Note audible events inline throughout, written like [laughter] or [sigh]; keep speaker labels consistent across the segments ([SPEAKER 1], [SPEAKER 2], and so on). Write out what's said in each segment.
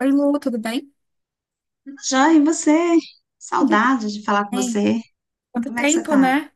[SPEAKER 1] Oi, Lu, tudo bem?
[SPEAKER 2] Joia, e você?
[SPEAKER 1] Tudo
[SPEAKER 2] Saudade de falar com
[SPEAKER 1] bem.
[SPEAKER 2] você.
[SPEAKER 1] Quanto
[SPEAKER 2] Como é que você
[SPEAKER 1] tempo,
[SPEAKER 2] tá?
[SPEAKER 1] né?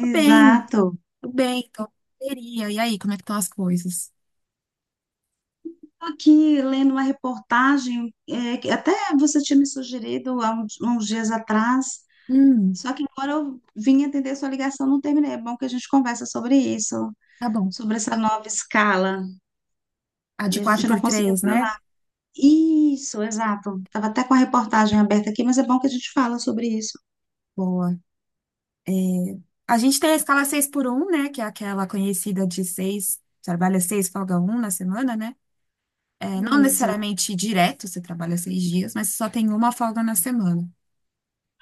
[SPEAKER 1] Tô bem,
[SPEAKER 2] Exato.
[SPEAKER 1] tô bem, tô correria. E aí, como é que estão as coisas?
[SPEAKER 2] Tô aqui lendo uma reportagem, que até você tinha me sugerido há uns dias atrás,
[SPEAKER 1] Hum,
[SPEAKER 2] só que agora eu vim atender sua ligação, não terminei. É bom que a gente conversa sobre isso,
[SPEAKER 1] tá bom.
[SPEAKER 2] sobre essa nova escala,
[SPEAKER 1] A de
[SPEAKER 2] e a
[SPEAKER 1] quatro
[SPEAKER 2] gente
[SPEAKER 1] por
[SPEAKER 2] não conseguiu
[SPEAKER 1] três, né?
[SPEAKER 2] falar. Isso, exato. Tava até com a reportagem aberta aqui, mas é bom que a gente fala sobre isso.
[SPEAKER 1] Boa. A gente tem a escala seis por um, né? Que é aquela conhecida de 6 trabalha 6, folga um na semana, né? É, não
[SPEAKER 2] Isso.
[SPEAKER 1] necessariamente direto, você trabalha 6 dias, mas só tem uma folga na semana.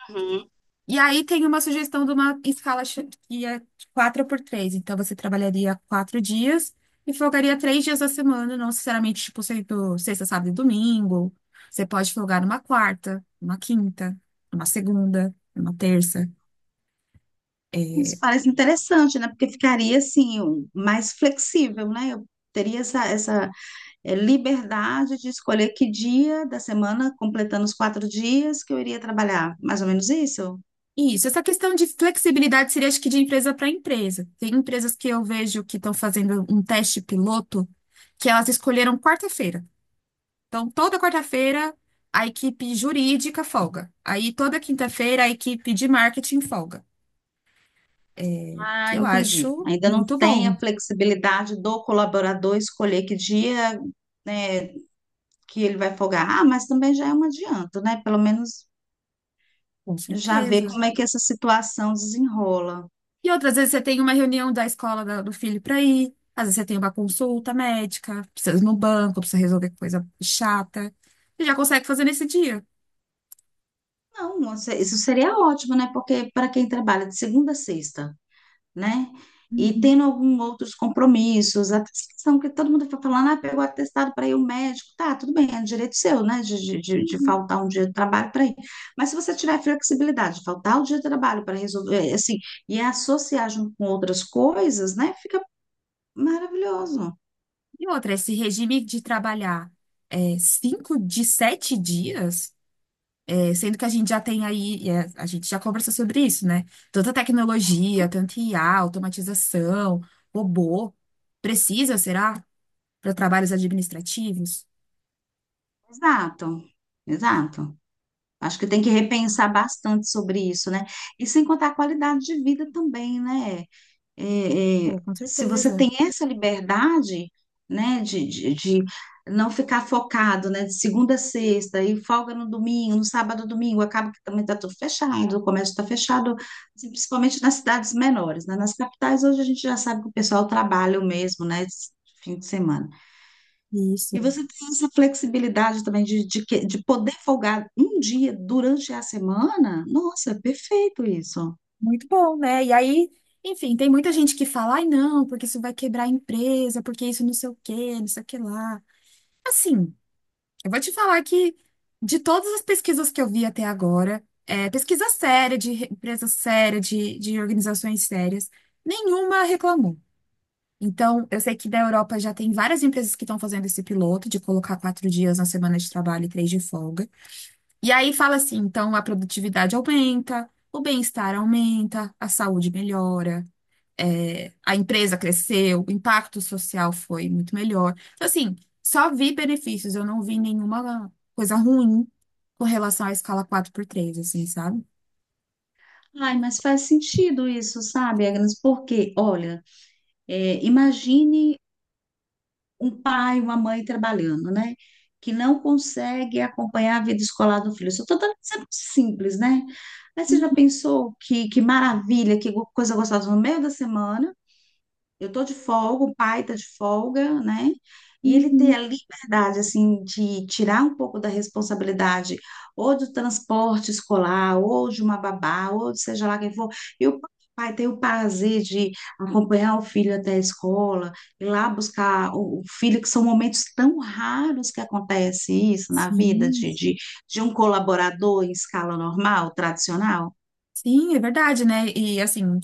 [SPEAKER 2] Uhum.
[SPEAKER 1] E aí tem uma sugestão de uma escala que é 4 por 3. Então você trabalharia quatro dias e folgaria três dias da semana, não necessariamente, tipo, sendo sexta, sábado e domingo. Você pode folgar numa quarta, numa quinta, numa segunda, numa terça.
[SPEAKER 2] Isso
[SPEAKER 1] É,
[SPEAKER 2] parece interessante, né? Porque ficaria assim, mais flexível, né? Eu teria essa liberdade de escolher que dia da semana, completando os 4 dias, que eu iria trabalhar. Mais ou menos isso?
[SPEAKER 1] isso, essa questão de flexibilidade seria, acho que, de empresa para empresa. Tem empresas que eu vejo que estão fazendo um teste piloto, que elas escolheram quarta-feira. Então, toda quarta-feira, a equipe jurídica folga. Aí, toda quinta-feira, a equipe de marketing folga. Que
[SPEAKER 2] Ah,
[SPEAKER 1] eu
[SPEAKER 2] entendi.
[SPEAKER 1] acho
[SPEAKER 2] Ainda não
[SPEAKER 1] muito
[SPEAKER 2] tem
[SPEAKER 1] bom,
[SPEAKER 2] a flexibilidade do colaborador escolher que dia, né, que ele vai folgar. Ah, mas também já é um adianto, né? Pelo menos
[SPEAKER 1] com
[SPEAKER 2] já ver
[SPEAKER 1] certeza.
[SPEAKER 2] como é que essa situação desenrola.
[SPEAKER 1] E outras vezes você tem uma reunião da escola do filho para ir. Às vezes você tem uma consulta médica, precisa ir no banco, precisa resolver coisa chata. Você já consegue fazer nesse dia.
[SPEAKER 2] Não, isso seria ótimo, né? Porque para quem trabalha de segunda a sexta, né? E
[SPEAKER 1] Uhum.
[SPEAKER 2] tendo alguns outros compromissos, a questão que todo mundo fica falando, ah, pegou atestado para ir ao médico, tá, tudo bem, é um direito seu, né, de faltar um dia de trabalho para ir. Mas se você tiver flexibilidade, de faltar o dia de trabalho para resolver, assim, e associar junto com outras coisas, né, fica maravilhoso.
[SPEAKER 1] E outra, esse regime de trabalhar cinco de sete dias. É, sendo que a gente já tem aí, a gente já conversou sobre isso, né? Tanta tecnologia, tanto IA, automatização, robô. Precisa, será? Para trabalhos administrativos?
[SPEAKER 2] Exato, exato. Acho que tem que repensar bastante sobre isso, né? E sem contar a qualidade de vida também, né? é, é,
[SPEAKER 1] Pô, com
[SPEAKER 2] se você
[SPEAKER 1] certeza.
[SPEAKER 2] tem essa liberdade, né, de não ficar focado, né, de segunda a sexta, e folga no domingo, no sábado, domingo, acaba que também está tudo fechado, o comércio está fechado, assim, principalmente nas cidades menores, né, nas capitais hoje a gente já sabe que o pessoal trabalha o mesmo, né, esse fim de semana.
[SPEAKER 1] Isso.
[SPEAKER 2] E você tem essa flexibilidade também de poder folgar um dia durante a semana, nossa, é perfeito isso.
[SPEAKER 1] Muito bom, né? E aí, enfim, tem muita gente que fala, ai, não, porque isso vai quebrar a empresa, porque isso não sei o quê, não sei o que lá. Assim, eu vou te falar que de todas as pesquisas que eu vi até agora, pesquisa séria, empresa séria, de organizações sérias, nenhuma reclamou. Então, eu sei que da Europa já tem várias empresas que estão fazendo esse piloto de colocar quatro dias na semana de trabalho e três de folga. E aí fala assim, então a produtividade aumenta, o bem-estar aumenta, a saúde melhora, a empresa cresceu, o impacto social foi muito melhor. Então, assim, só vi benefícios, eu não vi nenhuma coisa ruim com relação à escala quatro por três, assim, sabe?
[SPEAKER 2] Ai, mas faz sentido isso, sabe, Agnes? Porque, olha, imagine um pai, uma mãe trabalhando, né? Que não consegue acompanhar a vida escolar do filho. Isso eu estou simples, né? Mas você já pensou que maravilha, coisa gostosa no meio da semana? Eu tô de folga, o pai tá de folga, né? E ele ter
[SPEAKER 1] Uhum.
[SPEAKER 2] a liberdade, assim, de tirar um pouco da responsabilidade, ou do transporte escolar, ou de uma babá, ou de seja lá quem for. E o pai tem o prazer de acompanhar o filho até a escola, ir lá buscar o filho, que são momentos tão raros que acontece isso na vida
[SPEAKER 1] Sim,
[SPEAKER 2] de um colaborador em escala normal, tradicional.
[SPEAKER 1] sim, é verdade, né? E assim,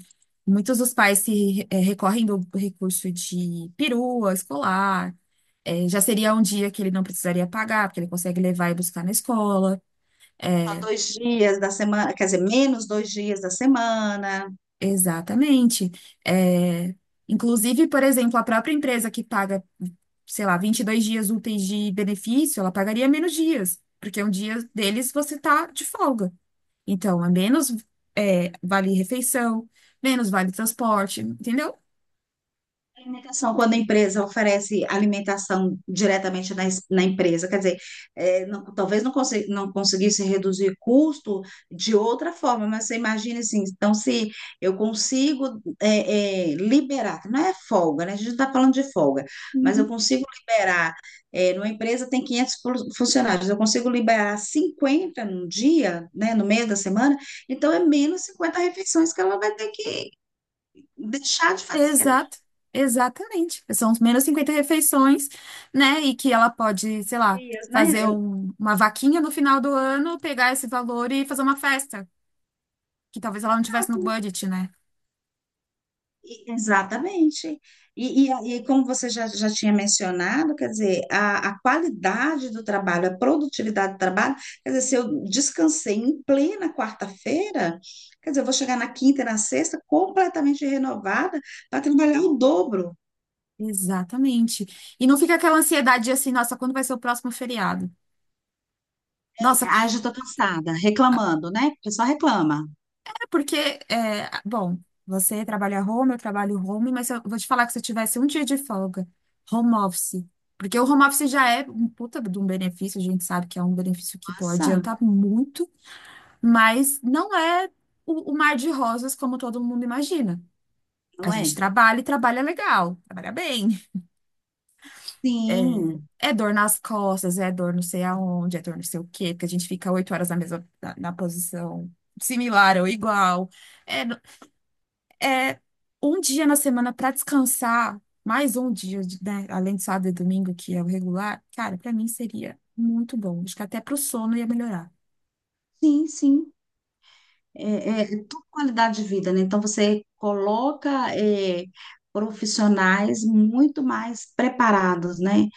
[SPEAKER 1] muitos dos pais se recorrem do recurso de perua escolar. Já seria um dia que ele não precisaria pagar, porque ele consegue levar e buscar na escola.
[SPEAKER 2] Só
[SPEAKER 1] é,
[SPEAKER 2] dois dias da semana, quer dizer, menos dois dias da semana.
[SPEAKER 1] Exatamente. É, inclusive, por exemplo, a própria empresa que paga, sei lá, 22 dias úteis de benefício, ela pagaria menos dias, porque um dia deles você está de folga. Então, é menos, vale refeição, menos vale transporte, entendeu?
[SPEAKER 2] Alimentação, quando a empresa oferece alimentação diretamente na empresa, quer dizer, talvez não, não conseguisse reduzir custo de outra forma, mas você imagina assim, então se eu consigo liberar, não é folga, né? A gente não está falando de folga, mas eu
[SPEAKER 1] Uhum.
[SPEAKER 2] consigo liberar, é, numa empresa tem funcionários, eu consigo liberar 50 num dia, né, no meio da semana, então é menos 50 refeições que ela vai ter que deixar de fazer, né?
[SPEAKER 1] Exato, exatamente. São os menos 50 refeições, né? E que ela pode, sei lá,
[SPEAKER 2] Dias, né?
[SPEAKER 1] fazer uma vaquinha no final do ano, pegar esse valor e fazer uma festa, que talvez ela não tivesse no budget, né?
[SPEAKER 2] E- Exatamente. E como você já, já tinha mencionado, quer dizer, a qualidade do trabalho, a produtividade do trabalho, quer dizer, se eu descansei em plena quarta-feira, quer dizer, eu vou chegar na quinta e na sexta completamente renovada para trabalhar o dobro.
[SPEAKER 1] Exatamente. E não fica aquela ansiedade de assim, nossa, quando vai ser o próximo feriado? Nossa, c-
[SPEAKER 2] Ah, já estou cansada, reclamando, né? Porque só reclama.
[SPEAKER 1] é porque, bom, você trabalha home, eu trabalho home, mas eu vou te falar que se eu tivesse um dia de folga, home office, porque o home office já é um puta de um benefício, a gente sabe que é um benefício que pode
[SPEAKER 2] Nossa,
[SPEAKER 1] adiantar muito, mas não é o mar de rosas como todo mundo imagina. A
[SPEAKER 2] não
[SPEAKER 1] gente
[SPEAKER 2] é?
[SPEAKER 1] trabalha e trabalha legal, trabalha bem. É
[SPEAKER 2] Sim,
[SPEAKER 1] é dor nas costas, é dor não sei aonde, é dor não sei o quê, porque a gente fica 8 horas na mesma, na posição similar ou igual. É, no- é um dia na semana para descansar, mais um dia, né, além de sábado e domingo, que é o regular, cara, para mim seria muito bom. Acho que até pro sono ia melhorar.
[SPEAKER 2] sim, sim. É tudo qualidade de vida, né? Então você coloca é, profissionais muito mais preparados, né?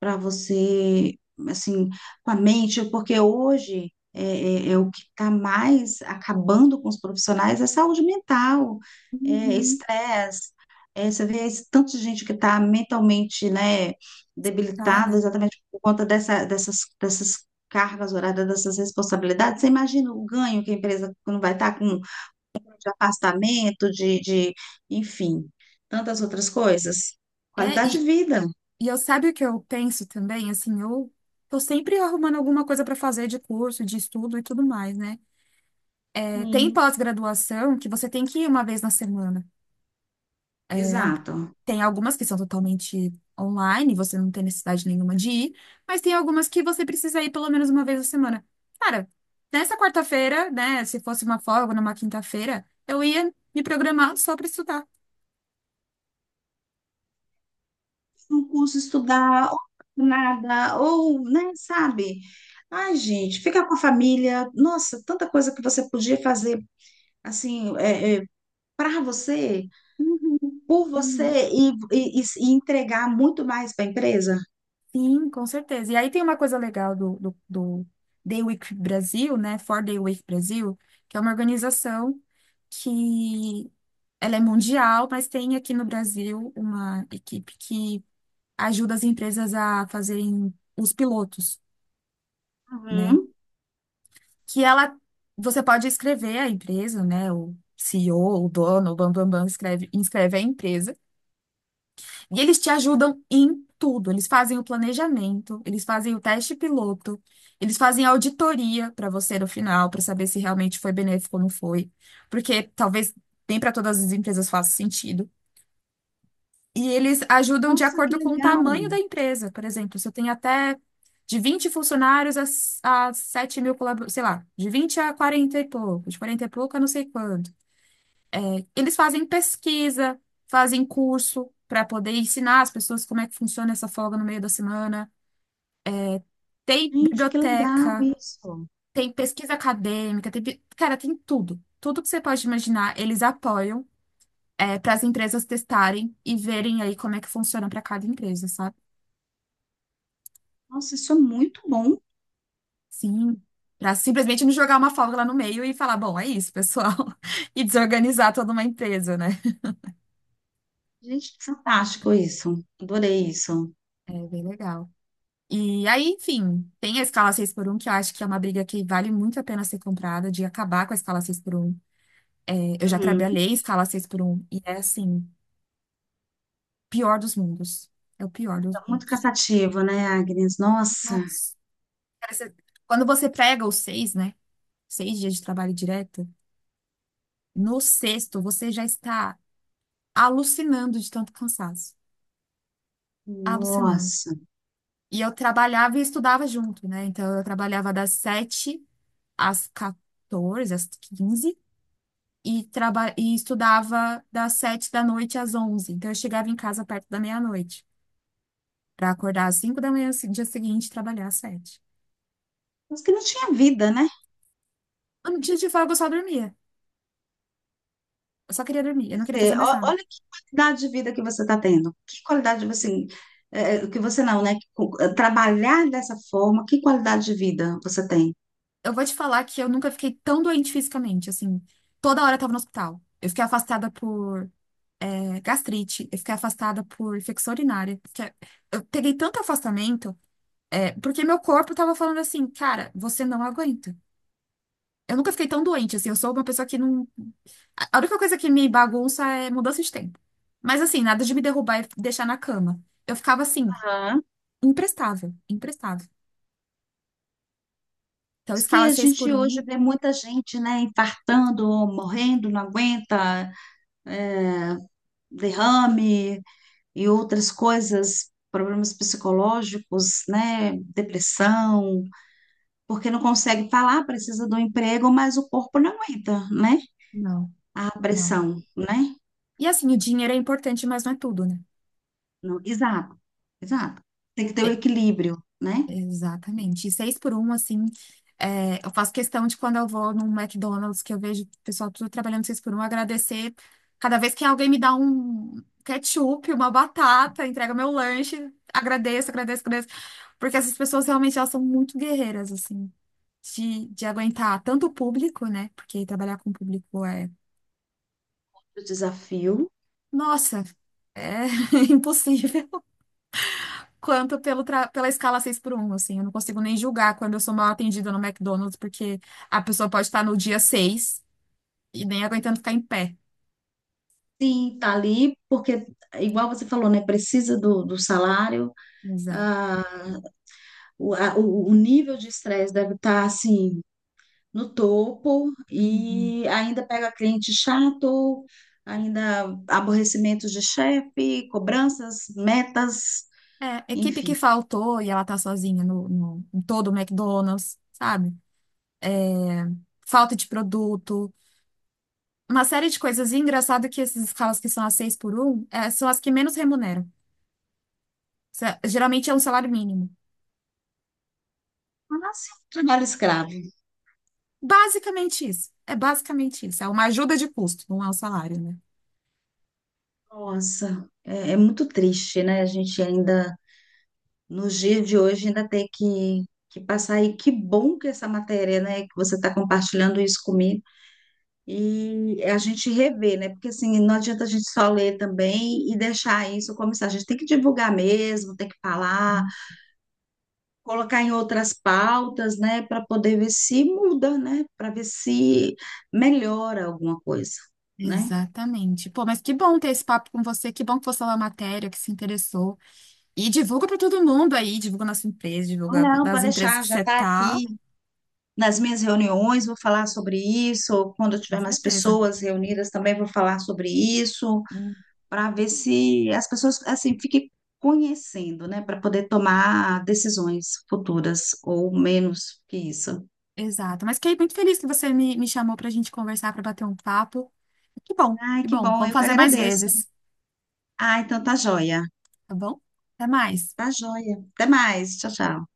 [SPEAKER 2] Para você, assim, com a mente, porque hoje é o que está mais acabando com os profissionais, é saúde mental, é
[SPEAKER 1] Uhum.
[SPEAKER 2] estresse. É, você vê esse tanto de gente que está mentalmente, né, debilitada
[SPEAKER 1] Nada.
[SPEAKER 2] exatamente por conta dessas cargas horárias, dessas responsabilidades. Você imagina o ganho que a empresa não vai estar com de afastamento, enfim, tantas outras coisas.
[SPEAKER 1] É,
[SPEAKER 2] Qualidade
[SPEAKER 1] e,
[SPEAKER 2] de vida.
[SPEAKER 1] e eu sabe o que eu penso também, assim, eu tô sempre arrumando alguma coisa para fazer de curso, de estudo e tudo mais, né? Tem
[SPEAKER 2] Sim.
[SPEAKER 1] pós-graduação que você tem que ir uma vez na semana. É,
[SPEAKER 2] Exato.
[SPEAKER 1] tem algumas que são totalmente online, você não tem necessidade nenhuma de ir, mas tem algumas que você precisa ir pelo menos uma vez na semana. Cara, nessa quarta-feira, né, se fosse uma folga numa quinta-feira, eu ia me programar só para estudar.
[SPEAKER 2] Um curso estudar, ou nada, ou, né, sabe? Ai, gente, ficar com a família, nossa, tanta coisa que você podia fazer, assim, para você,
[SPEAKER 1] Uhum,
[SPEAKER 2] por
[SPEAKER 1] uhum.
[SPEAKER 2] você, e entregar muito mais para a empresa.
[SPEAKER 1] Sim, com certeza. E aí tem uma coisa legal do Day Week Brasil, né? For Day Week Brasil, que é uma organização que ela é mundial, mas tem aqui no Brasil uma equipe que ajuda as empresas a fazerem os pilotos, né?
[SPEAKER 2] Uhum.
[SPEAKER 1] Que ela, você pode escrever a empresa, né? O CEO, o dono, o bam, bam, bam, inscreve a empresa. E eles te ajudam em tudo. Eles fazem o planejamento, eles fazem o teste piloto, eles fazem a auditoria para você no final, para saber se realmente foi benéfico ou não foi. Porque talvez nem para todas as empresas faça sentido. E eles ajudam de
[SPEAKER 2] Nossa, que
[SPEAKER 1] acordo com o
[SPEAKER 2] legal!
[SPEAKER 1] tamanho da empresa. Por exemplo, se eu tenho até de 20 funcionários a 7 mil colaboradores, sei lá, de 20 a 40 e pouco, de 40 e pouco a não sei quanto. Eles fazem pesquisa, fazem curso para poder ensinar as pessoas como é que funciona essa folga no meio da semana. Tem
[SPEAKER 2] Gente, que legal
[SPEAKER 1] biblioteca,
[SPEAKER 2] isso!
[SPEAKER 1] tem pesquisa acadêmica, tem, cara, tem tudo. Tudo que você pode imaginar, eles apoiam, para as empresas testarem e verem aí como é que funciona para cada empresa, sabe?
[SPEAKER 2] Nossa, isso é muito bom.
[SPEAKER 1] Sim. Para simplesmente não jogar uma folga lá no meio e falar, bom, é isso, pessoal, [laughs] e desorganizar toda uma empresa, né?
[SPEAKER 2] Gente, fantástico isso. Adorei isso.
[SPEAKER 1] É bem legal. E aí, enfim, tem a escala seis por um que eu acho que é uma briga que vale muito a pena ser comprada, de acabar com a escala seis por um. É, eu já
[SPEAKER 2] Uhum.
[SPEAKER 1] trabalhei em escala seis por um e é assim, pior dos mundos. É o pior dos
[SPEAKER 2] É muito
[SPEAKER 1] mundos.
[SPEAKER 2] cansativo, né, Agnes? Nossa,
[SPEAKER 1] Nossa. Parece- Quando você prega os seis, né? Seis dias de trabalho direto, no sexto você já está alucinando de tanto cansaço. Alucinando.
[SPEAKER 2] nossa.
[SPEAKER 1] E eu trabalhava e estudava junto, né? Então eu trabalhava das 7 às 14, às 15 e estudava das sete da noite às onze. Então, eu chegava em casa perto da meia-noite, para acordar às cinco da manhã, dia seguinte, e trabalhar às sete.
[SPEAKER 2] Mas que não tinha vida, né?
[SPEAKER 1] No dia de folga, eu só dormia. Eu só queria dormir, eu não queria fazer mais nada.
[SPEAKER 2] Olha que qualidade de vida que você está tendo. Que qualidade, tipo assim, que você não, né? Trabalhar dessa forma, que qualidade de vida você tem?
[SPEAKER 1] Eu vou te falar que eu nunca fiquei tão doente fisicamente, assim. Toda hora eu tava no hospital. Eu fiquei afastada por gastrite, eu fiquei afastada por infecção urinária. Eu peguei tanto afastamento, porque meu corpo tava falando assim, cara, você não aguenta. Eu nunca fiquei tão doente, assim, eu sou uma pessoa que não. A única coisa que me bagunça é mudança de tempo. Mas assim, nada de me derrubar e deixar na cama. Eu ficava assim,
[SPEAKER 2] Aham.
[SPEAKER 1] imprestável, imprestável. Então,
[SPEAKER 2] Isso. Que
[SPEAKER 1] escala
[SPEAKER 2] a
[SPEAKER 1] 6 por
[SPEAKER 2] gente hoje
[SPEAKER 1] um?
[SPEAKER 2] vê muita gente, né, infartando, morrendo, não aguenta, é, derrame e outras coisas, problemas psicológicos, né, depressão, porque não consegue falar, precisa do emprego, mas o corpo não aguenta, né,
[SPEAKER 1] Não,
[SPEAKER 2] a
[SPEAKER 1] não.
[SPEAKER 2] pressão, né?
[SPEAKER 1] E assim, o dinheiro é importante, mas não é tudo, né?
[SPEAKER 2] Exato, exato. Tem que ter o equilíbrio, né?
[SPEAKER 1] Exatamente. E seis por um, assim, eu faço questão de quando eu vou num McDonald's, que eu vejo o pessoal tudo trabalhando seis por um, agradecer cada vez que alguém me dá um ketchup, uma batata, entrega meu lanche, agradeço, agradeço, agradeço. Porque essas pessoas realmente elas são muito guerreiras, assim, de aguentar tanto o público, né? Porque trabalhar com o público é,
[SPEAKER 2] Do desafio.
[SPEAKER 1] nossa, é [laughs] impossível. Quanto pelo pela escala 6 por um, assim. Eu não consigo nem julgar quando eu sou mal atendida no McDonald's, porque a pessoa pode estar no dia 6 e nem aguentando ficar em pé.
[SPEAKER 2] Sim, tá ali, porque, igual você falou, né? Precisa do salário,
[SPEAKER 1] Exato.
[SPEAKER 2] ah, o nível de estresse deve estar, assim, no topo,
[SPEAKER 1] Uhum.
[SPEAKER 2] e ainda pega cliente chato, ainda aborrecimentos de chefe, cobranças, metas,
[SPEAKER 1] É, equipe que
[SPEAKER 2] enfim.
[SPEAKER 1] faltou e ela tá sozinha em todo o McDonald's, sabe? Falta de produto. Uma série de coisas. E engraçado que essas escalas que são as 6 por um são as que menos remuneram. Geralmente é um salário mínimo.
[SPEAKER 2] Mas, assim, trabalho escravo.
[SPEAKER 1] Basicamente isso. É basicamente isso. É uma ajuda de custo, não é um salário, né?
[SPEAKER 2] Nossa, é muito triste, né? A gente ainda. Nos dias de hoje ainda ter que passar. E que bom que essa matéria, né, que você está compartilhando isso comigo. E é a gente rever, né? Porque assim, não adianta a gente só ler também e deixar isso como isso. A gente tem que divulgar mesmo, tem que falar, colocar em outras pautas, né, para poder ver se muda, né, para ver se melhora alguma coisa, né?
[SPEAKER 1] Exatamente. Pô, mas que bom ter esse papo com você, que bom que você leu a matéria, que se interessou. E divulga para todo mundo aí, divulga nossa empresa,
[SPEAKER 2] Não,
[SPEAKER 1] divulga
[SPEAKER 2] não,
[SPEAKER 1] das
[SPEAKER 2] pode
[SPEAKER 1] empresas
[SPEAKER 2] deixar,
[SPEAKER 1] que
[SPEAKER 2] já
[SPEAKER 1] você
[SPEAKER 2] está
[SPEAKER 1] tá.
[SPEAKER 2] aqui. Nas minhas reuniões vou falar sobre isso, quando eu
[SPEAKER 1] Com
[SPEAKER 2] tiver mais
[SPEAKER 1] certeza.
[SPEAKER 2] pessoas reunidas também vou falar sobre isso,
[SPEAKER 1] Hum.
[SPEAKER 2] para ver se as pessoas assim fiquem conhecendo, né, para poder tomar decisões futuras ou menos que isso.
[SPEAKER 1] Exato. Mas fiquei muito feliz que você me chamou para a gente conversar, para bater um papo. Que bom,
[SPEAKER 2] Ai,
[SPEAKER 1] que
[SPEAKER 2] que
[SPEAKER 1] bom.
[SPEAKER 2] bom,
[SPEAKER 1] Vamos
[SPEAKER 2] eu que
[SPEAKER 1] fazer mais
[SPEAKER 2] agradeço.
[SPEAKER 1] vezes,
[SPEAKER 2] Ah, então tá joia.
[SPEAKER 1] tá bom? Até mais.
[SPEAKER 2] Tá joia. Até mais. Tchau, tchau.